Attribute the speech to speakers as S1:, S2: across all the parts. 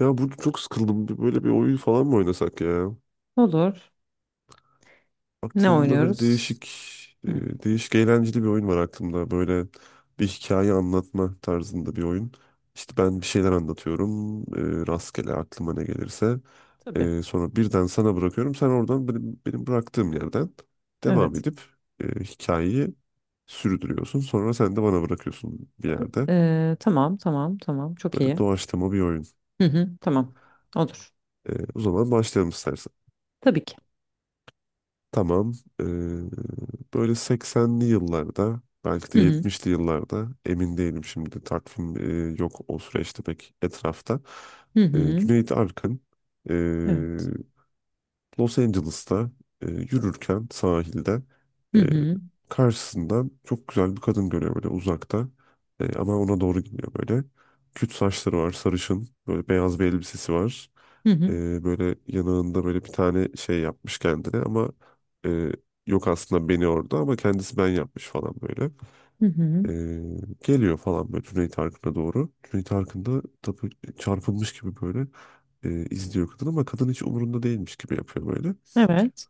S1: Ya burada çok sıkıldım. Böyle bir oyun falan mı oynasak ya?
S2: Olur. Ne
S1: Aklımda böyle
S2: oynuyoruz?
S1: değişik,
S2: Hı,
S1: e, değişik eğlenceli bir oyun var aklımda. Böyle bir hikaye anlatma tarzında bir oyun. İşte ben bir şeyler anlatıyorum. Rastgele aklıma ne gelirse.
S2: tabii.
S1: Sonra birden sana bırakıyorum. Sen oradan benim bıraktığım yerden devam
S2: Evet.
S1: edip hikayeyi sürdürüyorsun. Sonra sen de bana bırakıyorsun bir yerde.
S2: Tamam, tamam, tamam. Çok
S1: Böyle
S2: iyi.
S1: doğaçlama bir oyun.
S2: Hı hı, tamam. Olur.
S1: O zaman başlayalım istersen.
S2: Tabii ki.
S1: Tamam. Ee, böyle 80'li yıllarda belki de
S2: Hı hı,
S1: 70'li yıllarda emin değilim şimdi takvim yok o süreçte pek etrafta.
S2: hı
S1: Ee,
S2: hı.
S1: Cüneyt Arkın e,
S2: Evet.
S1: Los Angeles'ta yürürken sahilde
S2: Hı
S1: e,
S2: hı,
S1: karşısından çok güzel bir kadın görüyor böyle uzakta. Ama ona doğru gidiyor böyle. Küt saçları var sarışın böyle beyaz bir elbisesi var
S2: hı hı,
S1: böyle yanağında böyle bir tane şey yapmış kendine ama e, yok aslında beni orada ama kendisi ben yapmış falan böyle.
S2: hı hı.
S1: E, geliyor falan böyle Cüneyt Arkın'a doğru. Cüneyt Arkın da tabii çarpılmış gibi böyle izliyor kadın ama kadın hiç umurunda değilmiş gibi yapıyor böyle.
S2: Evet.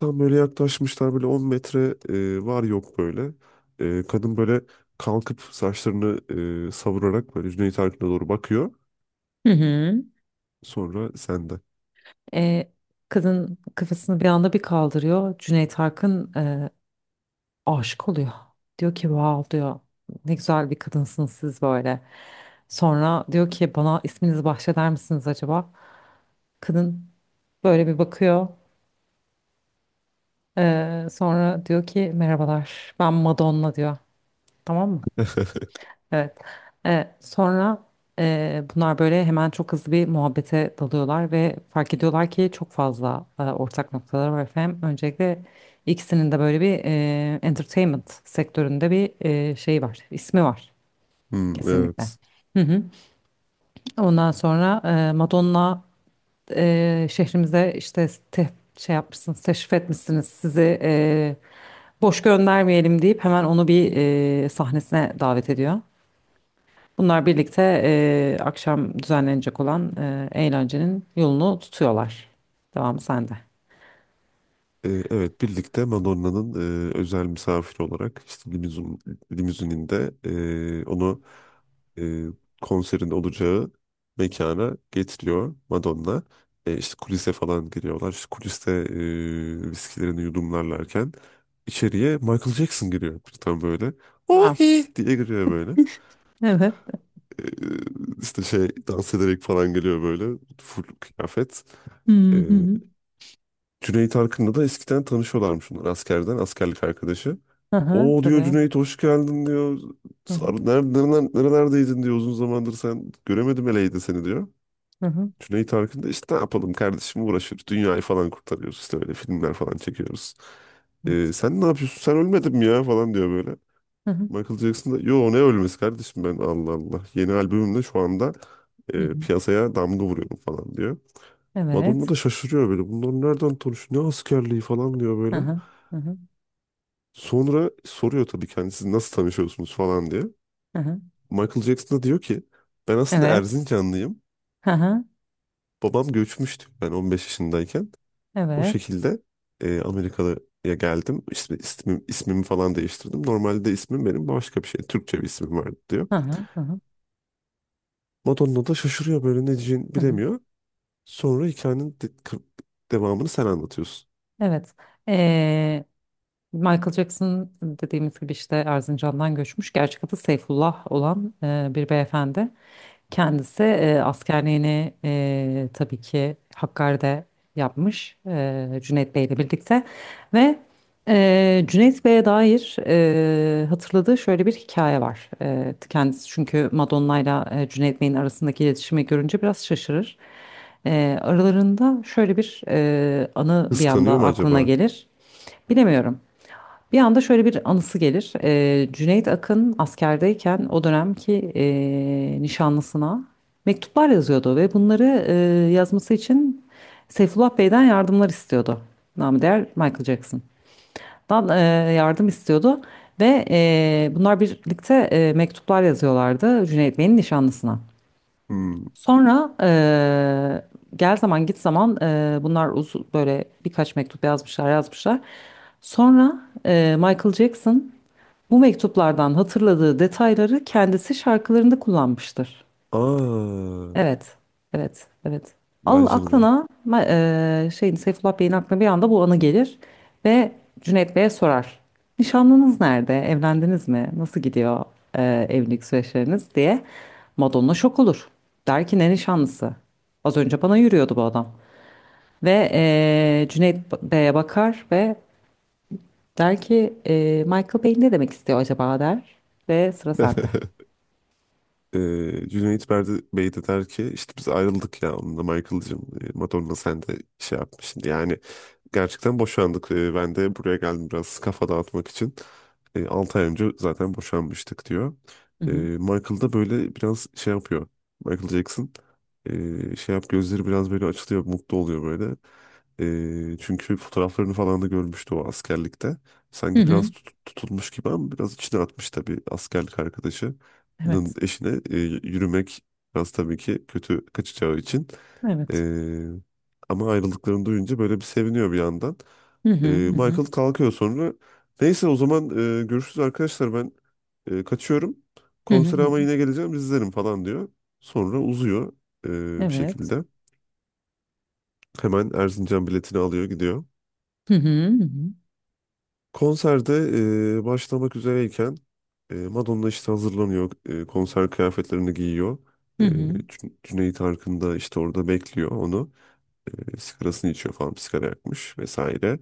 S1: Tam böyle yaklaşmışlar böyle 10 metre var yok böyle. Kadın böyle kalkıp saçlarını savurarak böyle Cüneyt Arkın'a doğru bakıyor.
S2: Hı hı.
S1: Sonra sende.
S2: Ee, Kadın kafasını bir anda bir kaldırıyor. Cüneyt Arkın aşık oluyor. Diyor ki, wow diyor. Ne güzel bir kadınsınız siz böyle. Sonra diyor ki bana isminizi bahşeder misiniz acaba? Kadın böyle bir bakıyor. Sonra diyor ki merhabalar, ben Madonna diyor. Tamam mı? Evet. Sonra bunlar böyle hemen çok hızlı bir muhabbete dalıyorlar ve fark ediyorlar ki çok fazla ortak noktalar var efendim. Öncelikle ikisinin de böyle bir entertainment sektöründe bir şey var, ismi var
S1: Hmm,
S2: kesinlikle.
S1: evet.
S2: Hı hı. Ondan sonra Madonna şehrimize işte şey yapmışsınız, teşrif etmişsiniz, sizi boş göndermeyelim deyip hemen onu bir sahnesine davet ediyor. Bunlar birlikte akşam düzenlenecek olan eğlencenin yolunu tutuyorlar. Devamı sende.
S1: Evet birlikte Madonna'nın özel misafiri olarak işte limuzininde onu e, konserin olacağı mekana getiriyor Madonna. E, işte kulise falan giriyorlar. İşte kuliste viskilerini yudumlarlarken içeriye Michael Jackson giriyor. Tam böyle
S2: Wow.
S1: ohi diye giriyor böyle.
S2: Evet.
S1: E, işte şey dans ederek falan geliyor böyle full kıyafet.
S2: Hı
S1: E,
S2: hı.
S1: Cüneyt Arkın'la da eskiden tanışıyorlarmış bunlar askerden, askerlik arkadaşı.
S2: Hı hı, hı,
S1: O diyor
S2: tabii.
S1: Cüneyt hoş geldin diyor.
S2: Hı hı.
S1: Nerelerdeydin diyor uzun zamandır sen göremedim eleydi seni diyor.
S2: Hı hı.
S1: Cüneyt Arkın da işte ne yapalım kardeşim uğraşıyoruz. Dünyayı falan kurtarıyoruz işte öyle filmler falan çekiyoruz. Sen ne yapıyorsun sen ölmedin mi ya falan diyor böyle. Michael Jackson da yo ne ölmesi kardeşim ben Allah Allah. Yeni albümümle şu anda piyasaya damga vuruyorum falan diyor. Madonna
S2: Evet.
S1: da şaşırıyor böyle bunlar nereden tanışıyor ne askerliği falan diyor
S2: Hı
S1: böyle.
S2: hı. Hı hı. Evet.
S1: Sonra soruyor tabii kendisi nasıl tanışıyorsunuz falan diye.
S2: Hı hı. Hı hı. Hı hı.
S1: Michael Jackson da diyor ki ben aslında
S2: Evet.
S1: Erzincanlıyım.
S2: Hı hı.
S1: Babam göçmüştü ben 15 yaşındayken. O
S2: Evet.
S1: şekilde Amerika'ya geldim. İsmi, ismim, ismimi falan değiştirdim. Normalde ismim benim başka bir şey. Türkçe bir ismim vardı diyor.
S2: Hı hı. Hı hı.
S1: Madonna da şaşırıyor böyle ne diyeceğini
S2: Hı hı.
S1: bilemiyor. Sonra hikayenin devamını sen anlatıyorsun.
S2: Evet. Ee, Michael Jackson dediğimiz gibi işte Erzincan'dan göçmüş. Gerçek adı Seyfullah olan bir beyefendi. Kendisi askerliğini tabii ki Hakkari'de yapmış Cüneyt Bey ile birlikte. Ve Cüneyt Bey'e dair hatırladığı şöyle bir hikaye var. Kendisi çünkü Madonna ile Cüneyt Bey'in arasındaki iletişimi görünce biraz şaşırır. Aralarında şöyle bir anı bir
S1: Kıskanıyor
S2: anda
S1: mu
S2: aklına
S1: acaba?
S2: gelir. Bilemiyorum. Bir anda şöyle bir anısı gelir. Cüneyt Akın askerdeyken o dönemki nişanlısına mektuplar yazıyordu ve bunları yazması için Seyfullah Bey'den yardımlar istiyordu. Namı değer Michael Jackson'dan e, yardım istiyordu ve bunlar birlikte mektuplar yazıyorlardı Cüneyt Bey'in nişanlısına.
S1: Hmm.
S2: Sonra gel zaman git zaman bunlar böyle birkaç mektup yazmışlar. Sonra Michael Jackson bu mektuplardan hatırladığı detayları kendisi şarkılarında kullanmıştır.
S1: Aa,
S2: Evet, evet, evet. Al
S1: vay canına.
S2: aklına ma- şeyin, Seyfullah Bey'in aklına bir anda bu anı gelir ve Cüneyt Bey'e sorar. Nişanlınız nerede? Evlendiniz mi? Nasıl gidiyor evlilik süreçleriniz diye. Madonna şok olur. Der ki ne nişanlısı? Az önce bana yürüyordu bu adam. Ve Cüneyt Bey'e bakar ve der ki Michael Bey ne demek istiyor acaba der. Ve sıra sende.
S1: Cüneyt Berdi Bey de der ki işte biz ayrıldık ya onunla Michael'cığım, Madonna sen de şey yapmışsın yani gerçekten boşandık. Ben de buraya geldim biraz kafa dağıtmak için. Altı ay önce zaten boşanmıştık diyor.
S2: Hı
S1: Ee,
S2: hı.
S1: Michael da böyle biraz şey yapıyor. Michael Jackson şey yap gözleri biraz böyle açılıyor mutlu oluyor böyle. Çünkü fotoğraflarını falan da görmüştü o askerlikte
S2: Hı
S1: sanki
S2: hı.
S1: biraz tutulmuş gibi ama biraz içine atmış tabii askerlik arkadaşı. Nın
S2: Evet.
S1: eşine yürümek biraz tabii ki kötü kaçacağı için. E,
S2: Evet.
S1: ama ayrıldıklarını duyunca böyle bir seviniyor bir yandan.
S2: Hı hı.
S1: E,
S2: Hı hı.
S1: Michael kalkıyor sonra. Neyse o zaman görüşürüz arkadaşlar ben kaçıyorum.
S2: Hı hı.
S1: Konsere
S2: Hı hı.
S1: ama yine geleceğim izlerim falan diyor. Sonra uzuyor bir
S2: Evet.
S1: şekilde. Hemen Erzincan biletini alıyor gidiyor.
S2: Hı hı.
S1: Konserde başlamak üzereyken Madonna işte hazırlanıyor. Konser kıyafetlerini giyiyor.
S2: Hı
S1: E,
S2: hı.
S1: Cü- Cüneyt Arkın da işte orada bekliyor onu. Sigarasını içiyor falan. Bir sigara yakmış vesaire.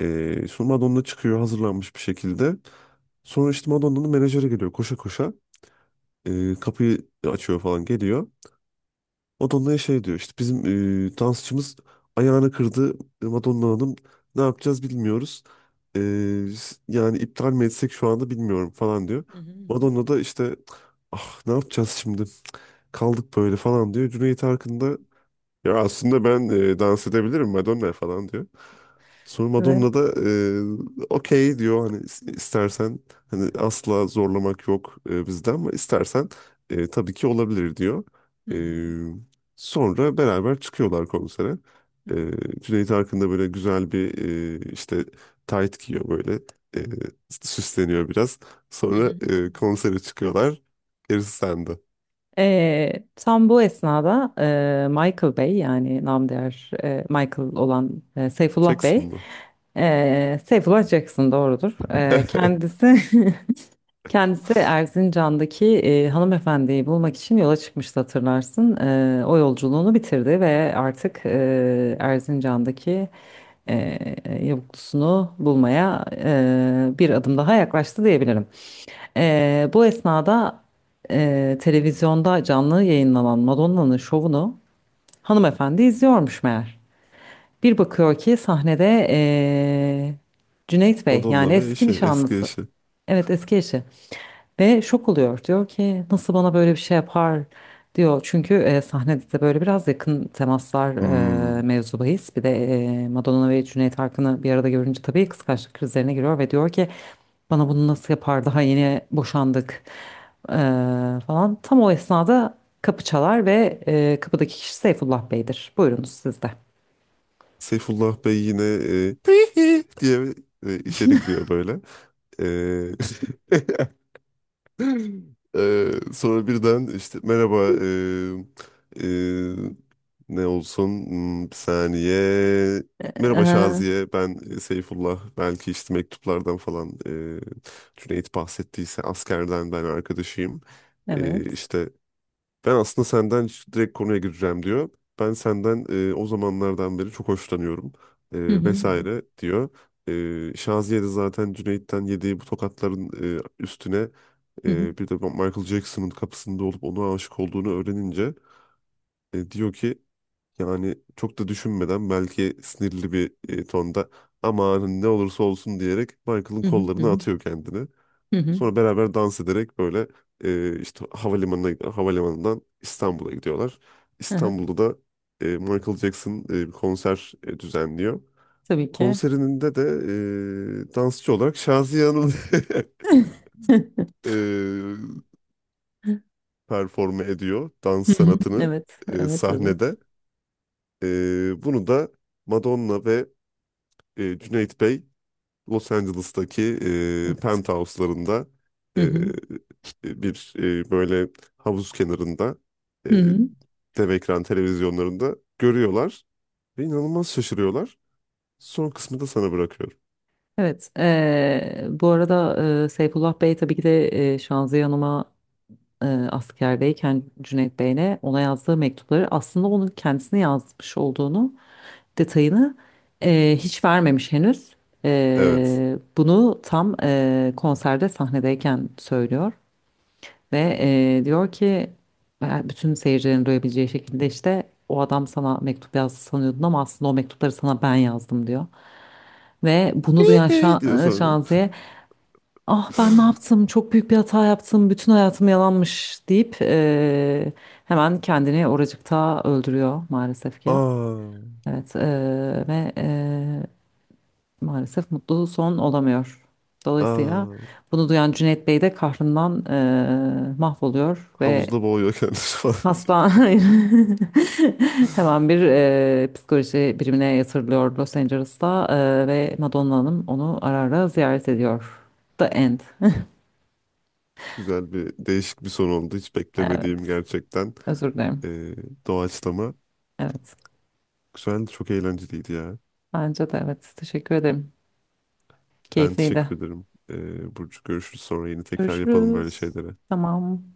S1: Sonra Madonna çıkıyor hazırlanmış bir şekilde. Sonra işte Madonna'nın menajeri geliyor koşa koşa. Kapıyı açıyor falan geliyor. Madonna'ya şey diyor işte bizim dansçımız ayağını kırdı. Madonna Hanım ne yapacağız bilmiyoruz. E, yani iptal mi etsek şu anda bilmiyorum falan diyor.
S2: Hı hı. Hı hı.
S1: Madonna da işte ah ne yapacağız şimdi kaldık böyle falan diyor. Cüneyt Arkın da ya aslında ben dans edebilirim Madonna falan diyor. Sonra Madonna
S2: Evet.
S1: da okey diyor hani istersen hani asla zorlamak yok bizden ama istersen tabii ki olabilir diyor.
S2: Hı,
S1: E,
S2: evet.
S1: sonra beraber çıkıyorlar konsere.
S2: Hı. Hı hı.
S1: E, Cüneyt Arkın da böyle güzel bir işte tayt giyiyor böyle e, süsleniyor biraz.
S2: Hı hı.
S1: Sonra
S2: Hı.
S1: konsere çıkıyorlar. Gerisi sende.
S2: Tam bu esnada Michael Bey, yani namdiğer Michael olan Seyfullah
S1: Çeksin
S2: Bey,
S1: mi?
S2: Seyfullah Jackson doğrudur. Kendisi kendisi Erzincan'daki hanımefendiyi bulmak için yola çıkmıştı, hatırlarsın. O yolculuğunu bitirdi ve artık Erzincan'daki e, yavuklusunu bulmaya bir adım daha yaklaştı diyebilirim. Bu esnada televizyonda canlı yayınlanan Madonna'nın şovunu hanımefendi izliyormuş meğer. Bir bakıyor ki sahnede Cüneyt Bey, yani
S1: Madonna ve
S2: eski
S1: eşi eski
S2: nişanlısı.
S1: eşi.
S2: Evet, eski eşi. Ve şok oluyor. Diyor ki nasıl bana böyle bir şey yapar diyor. Çünkü sahnede de böyle biraz yakın temaslar
S1: Hmm.
S2: mevzu bahis. Bir de Madonna ve Cüneyt Arkın'ı bir arada görünce tabii kıskançlık krizlerine giriyor ve diyor ki bana bunu nasıl yapar, daha yeni boşandık e, falan. Tam o esnada kapı çalar ve kapıdaki kişi Seyfullah Bey'dir. Buyurunuz siz de.
S1: Seyfullah Bey yine "Hihi" diye içeri giriyor böyle. E, sonra birden işte merhaba, e, e, ne olsun. Hmm, bir saniye. Merhaba
S2: Ee,
S1: Şaziye, ben Seyfullah, belki işte mektuplardan falan Cüneyt bahsettiyse askerden ben arkadaşıyım. E,
S2: evet.
S1: işte ben aslında senden direkt konuya gireceğim diyor. Ben senden o zamanlardan beri çok hoşlanıyorum
S2: Hı hı, hı
S1: vesaire diyor. Şaziye de zaten Cüneyt'ten yediği bu tokatların üstüne
S2: hı, hı
S1: bir de Michael Jackson'ın kapısında olup ona aşık olduğunu öğrenince diyor ki yani çok da düşünmeden belki sinirli bir tonda aman ne olursa olsun diyerek Michael'ın
S2: hı,
S1: kollarına
S2: hı
S1: atıyor kendini.
S2: hı, hı hı.
S1: Sonra beraber dans ederek böyle işte havalimanından İstanbul'a gidiyorlar.
S2: Aha.
S1: İstanbul'da da Michael Jackson bir konser düzenliyor.
S2: Tabii ki.
S1: Konserinde de dansçı olarak Şaziye Hanım e, performe ediyor dans
S2: Hı hı.
S1: sanatını
S2: Evet, evet, evet,
S1: sahnede. E, bunu da Madonna ve Cüneyt Bey Los Angeles'taki
S2: evet.
S1: penthouse'larında
S2: Hı
S1: e,
S2: hı.
S1: bir böyle havuz kenarında e,
S2: Hı hı.
S1: dev ekran televizyonlarında görüyorlar ve inanılmaz şaşırıyorlar. Son kısmı da sana bırakıyorum.
S2: Evet. Bu arada Seyfullah Bey tabii ki de Şanziye Hanım'a askerdeyken Cüneyt Bey'ine ona yazdığı mektupları aslında onun kendisine yazmış olduğunu, detayını hiç vermemiş henüz.
S1: Evet.
S2: Bunu tam konserde sahnedeyken söylüyor. Ve diyor ki bütün seyircilerin duyabileceği şekilde işte o adam sana mektup yazdı sanıyordun, ama aslında o mektupları sana ben yazdım diyor. Ve bunu duyan
S1: diyor sonra.
S2: Şaziye, ah ben ne yaptım, çok büyük bir hata yaptım, bütün hayatım yalanmış deyip hemen kendini oracıkta öldürüyor maalesef ki.
S1: Aa,
S2: Evet, ve maalesef mutlu son olamıyor. Dolayısıyla
S1: aa,
S2: bunu duyan Cüneyt Bey de kahrından mahvoluyor ve
S1: havuzda boğuyor kendisi falan diyor.
S2: hasta hayır. Hemen bir psikoloji birimine yatırılıyor Los Angeles'ta, ve Madonna Hanım onu ara ara ziyaret ediyor. The End.
S1: Güzel bir değişik bir son oldu. Hiç beklemediğim
S2: Evet.
S1: gerçekten
S2: Özür dilerim.
S1: e, doğaçlama.
S2: Evet.
S1: Güzeldi, çok eğlenceliydi ya.
S2: Bence de evet. Teşekkür ederim.
S1: Ben
S2: Keyifliydi.
S1: teşekkür ederim. Burcu görüşürüz sonra yine tekrar yapalım böyle
S2: Görüşürüz.
S1: şeyleri.
S2: Tamam.